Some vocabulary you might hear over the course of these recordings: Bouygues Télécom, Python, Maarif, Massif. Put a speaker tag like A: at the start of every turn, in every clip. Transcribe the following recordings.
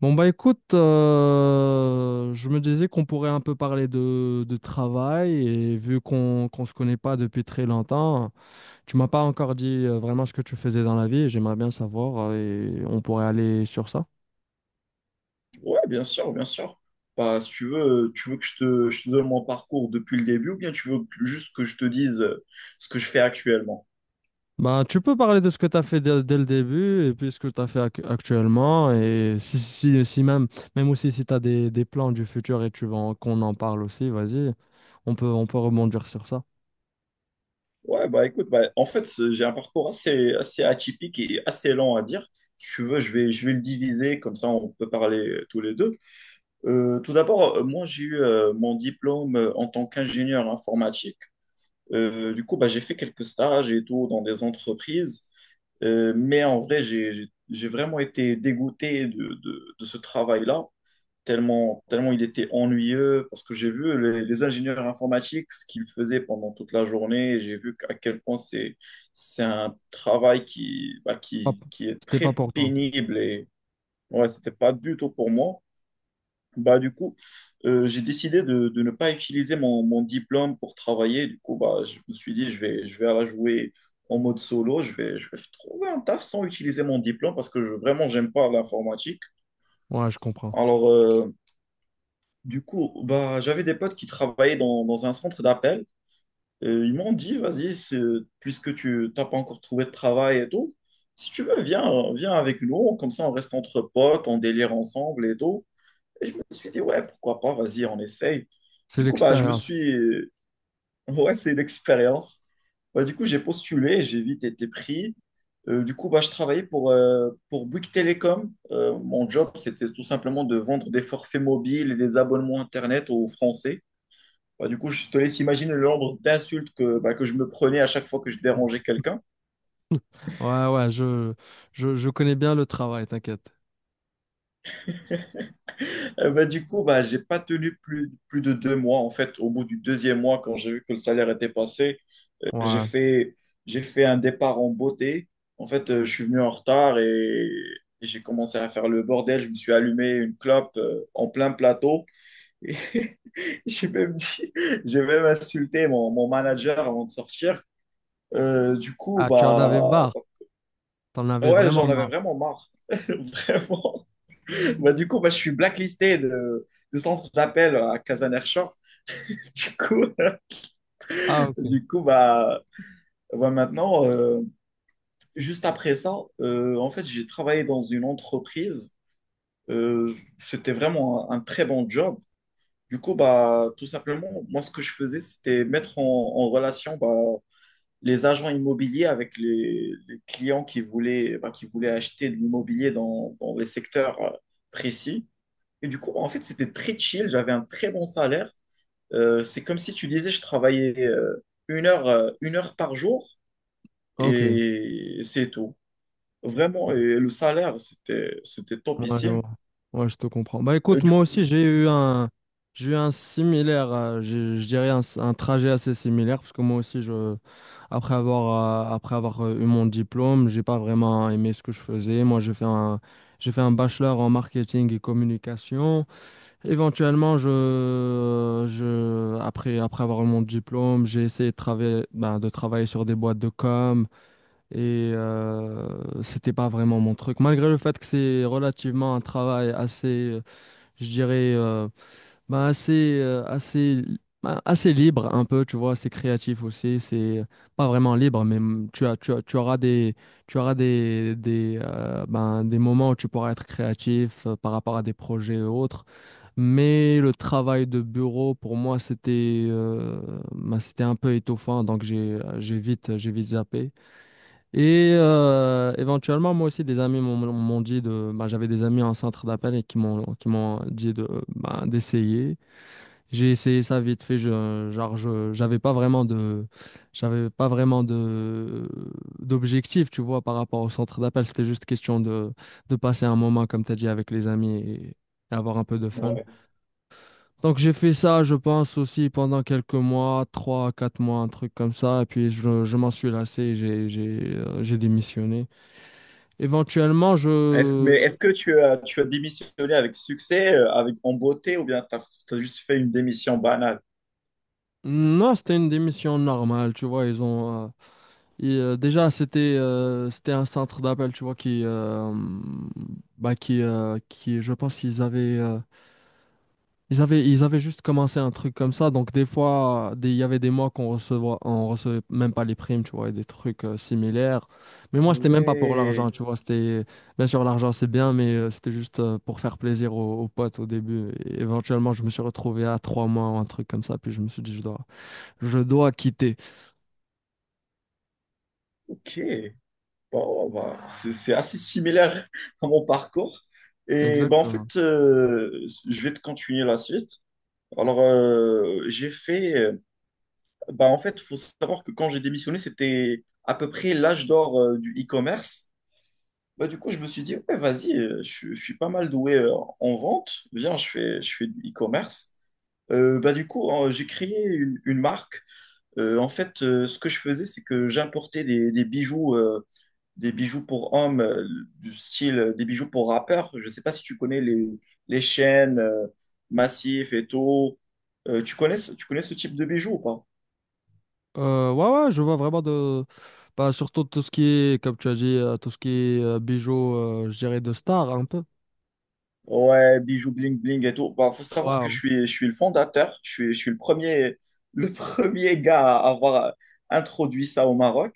A: Bon bah écoute, je me disais qu'on pourrait un peu parler de travail et vu qu'on se connaît pas depuis très longtemps, tu m'as pas encore dit vraiment ce que tu faisais dans la vie et j'aimerais bien savoir, et on pourrait aller sur ça.
B: Ouais, bien sûr, bien sûr. Bah, si tu veux, tu veux que je te donne mon parcours depuis le début ou bien juste que je te dise ce que je fais actuellement?
A: Bah tu peux parler de ce que tu as fait dès le début et puis ce que tu as fait actuellement et si même, même aussi si tu as des plans du futur et tu veux qu'on en parle aussi, vas-y, on peut rebondir sur ça.
B: Ouais, bah écoute, bah, en fait, j'ai un parcours assez, assez atypique et assez lent à dire. Si tu veux, je vais le diviser, comme ça on peut parler tous les deux. Tout d'abord, moi j'ai eu mon diplôme en tant qu'ingénieur informatique. Du coup, bah, j'ai fait quelques stages et tout dans des entreprises. Mais en vrai, j'ai vraiment été dégoûté de ce travail-là, tellement, tellement il était ennuyeux, parce que j'ai vu les ingénieurs informatiques, ce qu'ils faisaient pendant toute la journée, et j'ai vu à quel point c'est un travail qui, bah,
A: Hop,
B: qui est
A: c'était pas
B: très
A: pour toi.
B: pénible. Et ouais, c'était pas du tout pour moi. Bah, du coup, j'ai décidé de ne pas utiliser mon, mon diplôme pour travailler. Du coup, bah, je me suis dit, je vais la jouer en mode solo. Je vais trouver un taf sans utiliser mon diplôme parce que je, vraiment, j'aime pas l'informatique.
A: Ouais, je comprends.
B: Alors, du coup, bah, j'avais des potes qui travaillaient dans, dans un centre d'appel. Ils m'ont dit, vas-y, puisque tu n'as pas encore trouvé de travail et tout, si tu veux, viens, viens avec nous. Comme ça, on reste entre potes, on délire ensemble et tout. Et je me suis dit, ouais, pourquoi pas, vas-y, on essaye.
A: C'est
B: Du coup, bah, je me
A: l'expérience.
B: suis... Ouais, c'est une expérience. Bah, du coup, j'ai postulé, j'ai vite été pris. Du coup, bah, je travaillais pour Bouygues Télécom. Mon job, c'était tout simplement de vendre des forfaits mobiles et des abonnements Internet aux Français. Bah, du coup, je te laisse imaginer le nombre d'insultes que, bah, que je me prenais à chaque fois que je dérangeais quelqu'un.
A: Ouais, ouais, je connais bien le travail, t'inquiète.
B: Bah, du coup, bah, j'ai pas tenu plus, plus de deux mois. En fait, au bout du deuxième mois, quand j'ai vu que le salaire était passé, j'ai
A: Ouais.
B: fait, j'ai fait un départ en beauté. En fait, je suis venu en retard et j'ai commencé à faire le bordel. Je me suis allumé une clope en plein plateau. Et j'ai même dit, j'ai même insulté mon, mon manager avant de sortir. Du coup,
A: Ah, tu en avais
B: bah,
A: marre. T'en avais
B: ouais,
A: vraiment
B: j'en avais
A: marre.
B: vraiment marre. Vraiment. Bah, du coup, bah, je suis blacklisté de centre d'appel à Casaner Shore. Du coup,
A: Ah, ok.
B: du coup bah, bah, maintenant. Juste après ça, en fait, j'ai travaillé dans une entreprise. C'était vraiment un très bon job. Du coup, bah, tout simplement, moi, ce que je faisais, c'était mettre en, en relation bah, les agents immobiliers avec les clients qui voulaient, bah, qui voulaient acheter de l'immobilier dans, dans les secteurs précis. Et du coup, en fait, c'était très chill. J'avais un très bon salaire. C'est comme si tu disais, je travaillais une heure par jour
A: Ok. Ouais,
B: et c'est tout. Vraiment, et le salaire, c'était, c'était
A: ouais.
B: topissime.
A: Ouais, je te comprends. Bah
B: Et
A: écoute,
B: du
A: moi
B: coup,
A: aussi,
B: du-
A: j'ai eu un similaire, je dirais un, un trajet assez similaire, parce que moi aussi, je, après avoir eu mon diplôme, j'ai pas vraiment aimé ce que je faisais. Moi, j'ai fait un bachelor en marketing et communication. Éventuellement, après, après avoir eu mon diplôme, j'ai essayé de travailler, ben, de travailler sur des boîtes de com et c'était pas vraiment mon truc. Malgré le fait que c'est relativement un travail assez, je dirais, bah, assez, euh, assez, assez libre un peu, tu vois, assez créatif aussi. C'est pas vraiment libre, mais mm, tu auras des, ben, des moments où tu pourras être créatif par rapport à des projets et autres. Mais le travail de bureau, pour moi, c'était ben, c'était un peu étouffant, donc j'ai vite zappé. Et éventuellement, moi aussi, des amis m'ont dit de. Bah, j'avais des amis en centre d'appel et qui m'ont dit de bah, d'essayer. J'ai essayé ça vite fait, genre j'avais pas vraiment de, j'avais pas vraiment de, d'objectif, tu vois, par rapport au centre d'appel. C'était juste question de passer un moment, comme tu as dit, avec les amis et avoir un peu de fun.
B: ouais.
A: Donc j'ai fait ça, je pense, aussi pendant quelques mois, trois, quatre mois, un truc comme ça. Et puis je m'en suis lassé, et j'ai démissionné. Éventuellement,
B: Mais
A: je...
B: est-ce que tu as démissionné avec succès, avec en beauté, ou bien tu as juste fait une démission banale?
A: Non, c'était une démission normale, tu vois, ils ont... et, déjà, c'était un centre d'appel, tu vois, qui, je pense, qu'ils avaient, ils avaient, ils avaient juste commencé un truc comme ça. Donc, des fois, il y avait des mois on recevait même pas les primes, tu vois, et des trucs similaires. Mais
B: Ah
A: moi, c'était même pas pour l'argent,
B: ouais,
A: tu vois. C'était, bien sûr, l'argent, c'est bien, mais c'était juste pour faire plaisir aux, aux potes au début. Et éventuellement, je me suis retrouvé à trois mois ou un truc comme ça. Puis, je me suis dit, je dois quitter.
B: ok. Bon, bah, c'est assez similaire à mon parcours. Et bah, en
A: Exactement.
B: fait, je vais te continuer la suite. Alors, j'ai fait. Bah, en fait, il faut savoir que quand j'ai démissionné, c'était à peu près l'âge d'or du e-commerce. Bah, du coup, je me suis dit, ouais, vas-y, je suis pas mal doué en vente. Viens, je fais du e-commerce. Bah, du coup, j'ai créé une marque. En fait, ce que je faisais, c'est que j'importais des bijoux pour hommes, du style des bijoux pour rappeurs. Je sais pas si tu connais les chaînes, Massif et tout. Tu connais, tu connais ce type de bijoux ou pas?
A: Ouais, ouais, je vois vraiment de. Bah, surtout tout ce qui est, comme tu as dit, tout ce qui est bijoux, je dirais de star un peu.
B: Ouais, bijoux bling bling et tout. Bah, faut savoir que
A: Waouh.
B: je suis le fondateur, je suis le premier, le premier gars à avoir introduit ça au Maroc.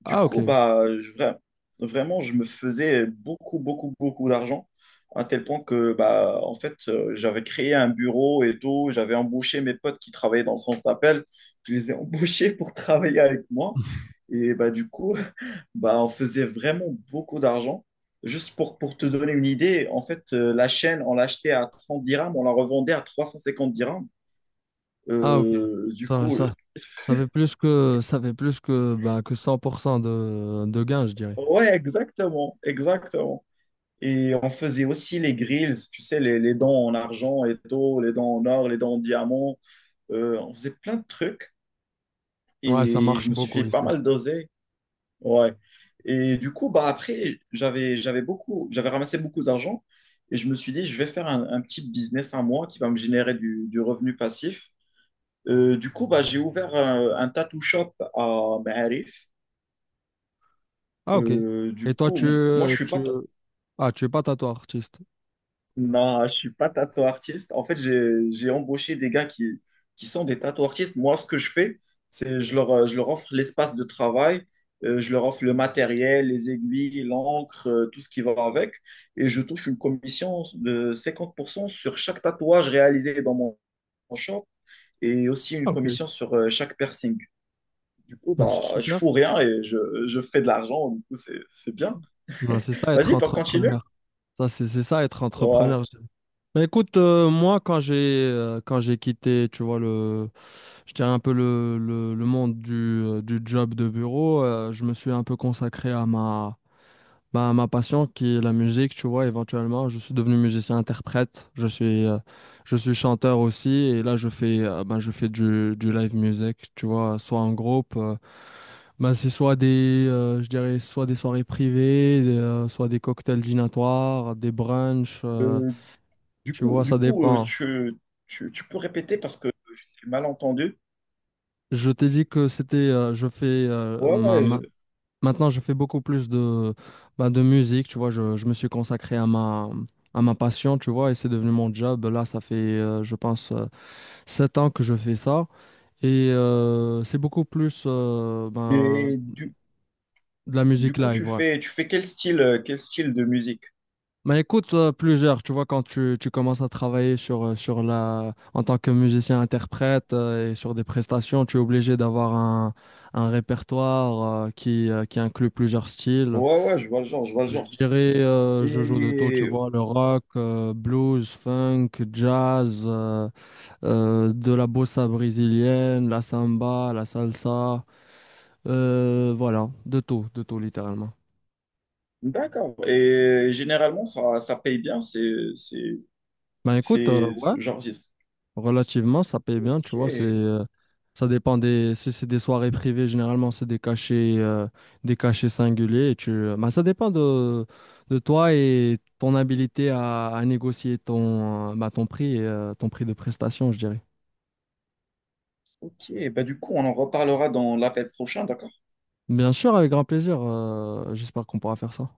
B: Du
A: Ah,
B: coup,
A: ok.
B: bah, vraiment, je me faisais beaucoup, beaucoup, beaucoup d'argent, à tel point que, bah, en fait, j'avais créé un bureau et tout, j'avais embauché mes potes qui travaillaient dans le centre d'appel, je les ai embauchés pour travailler avec moi. Et bah, du coup, bah, on faisait vraiment beaucoup d'argent. Juste pour te donner une idée, en fait, la chaîne, on l'achetait à 30 dirhams, on la revendait à 350 dirhams.
A: Ah, ok.
B: Euh, du
A: Ça,
B: coup,
A: ça,
B: euh,
A: ça fait plus que, ça fait plus que, bah, que 100% de gains, je dirais.
B: ouais, exactement, exactement. Et on faisait aussi les grills, tu sais, les dents en argent, et tôt, les dents en or, les dents en diamant. On faisait plein de trucs
A: Ouais, ça
B: et je
A: marche
B: me suis
A: beaucoup
B: fait pas
A: ici.
B: mal doser. Ouais. Et du coup, bah après, j'avais, j'avais beaucoup, j'avais ramassé beaucoup d'argent et je me suis dit, je vais faire un petit business à moi qui va me générer du revenu passif. Du coup, bah, j'ai ouvert un tattoo shop à Maarif.
A: Ah, ok. Et
B: Du
A: toi,
B: coup, moi, je suis pas,
A: ah, tu es pas tatou artiste.
B: non, je suis pas tattoo artiste. En fait, j'ai embauché des gars qui sont des tattoo artistes. Moi, ce que je fais, c'est je leur offre l'espace de travail, je leur offre le matériel, les aiguilles, l'encre, tout ce qui va avec. Et je touche une commission de 50% sur chaque tatouage réalisé dans mon, mon shop et aussi une
A: Ah, ok.
B: commission sur chaque piercing. Du coup,
A: Bah, c'est
B: bah, je
A: super.
B: fous rien et je fais de l'argent. Du coup, c'est bien.
A: Non, c'est ça être
B: Vas-y, t'en continues?
A: entrepreneur. Ça, c'est ça être
B: Ouais.
A: entrepreneur. Bah écoute, moi quand j'ai quitté, tu vois, je dirais un peu le monde du job de bureau, je me suis un peu consacré à ma, bah, à ma passion qui est la musique, tu vois, éventuellement, je suis devenu musicien-interprète, je suis chanteur aussi, et là je fais, ben, je fais du live music, tu vois, soit en groupe, ben, c'est soit je dirais, soit des soirées privées, soit des cocktails dînatoires, des brunchs,
B: Euh, Du
A: tu
B: coup,
A: vois,
B: du
A: ça
B: coup
A: dépend.
B: tu, tu, tu peux répéter parce que j'ai mal entendu.
A: Je t'ai dit que c'était, je fais,
B: Ouais,
A: ma,
B: ouais.
A: ma- maintenant je fais beaucoup plus de, bah, de musique, tu vois, je me suis consacré à ma passion, tu vois, et c'est devenu mon job. Là, ça fait, je pense, 7 ans que je fais ça, et c'est beaucoup plus ben,
B: Et du,
A: de la musique
B: du coup,
A: live, ouais.
B: tu fais quel style de musique?
A: Bah écoute, plusieurs, tu vois, quand tu commences à travailler sur, en tant que musicien-interprète et sur des prestations, tu es obligé d'avoir un répertoire qui inclut plusieurs styles.
B: Ouais, ouais, je vois le genre, je vois le
A: Je
B: genre.
A: dirais, je joue de tout, tu
B: Et
A: vois, le rock, blues, funk, jazz, de la bossa brésilienne, la samba, la salsa, voilà, de tout littéralement.
B: d'accord. Et généralement, ça paye bien.
A: Bah écoute,
B: C'est,
A: ouais.
B: genre,
A: Relativement, ça paye bien, tu vois, c'est
B: ok,
A: ça dépend des si c'est des soirées privées, généralement c'est des cachets singuliers et tu bah, ça dépend de toi et ton habilité à négocier ton bah, ton prix et ton prix de prestation, je dirais.
B: ok. Bah, du coup, on en reparlera dans l'appel prochain, d'accord?
A: Bien sûr, avec grand plaisir. J'espère qu'on pourra faire ça.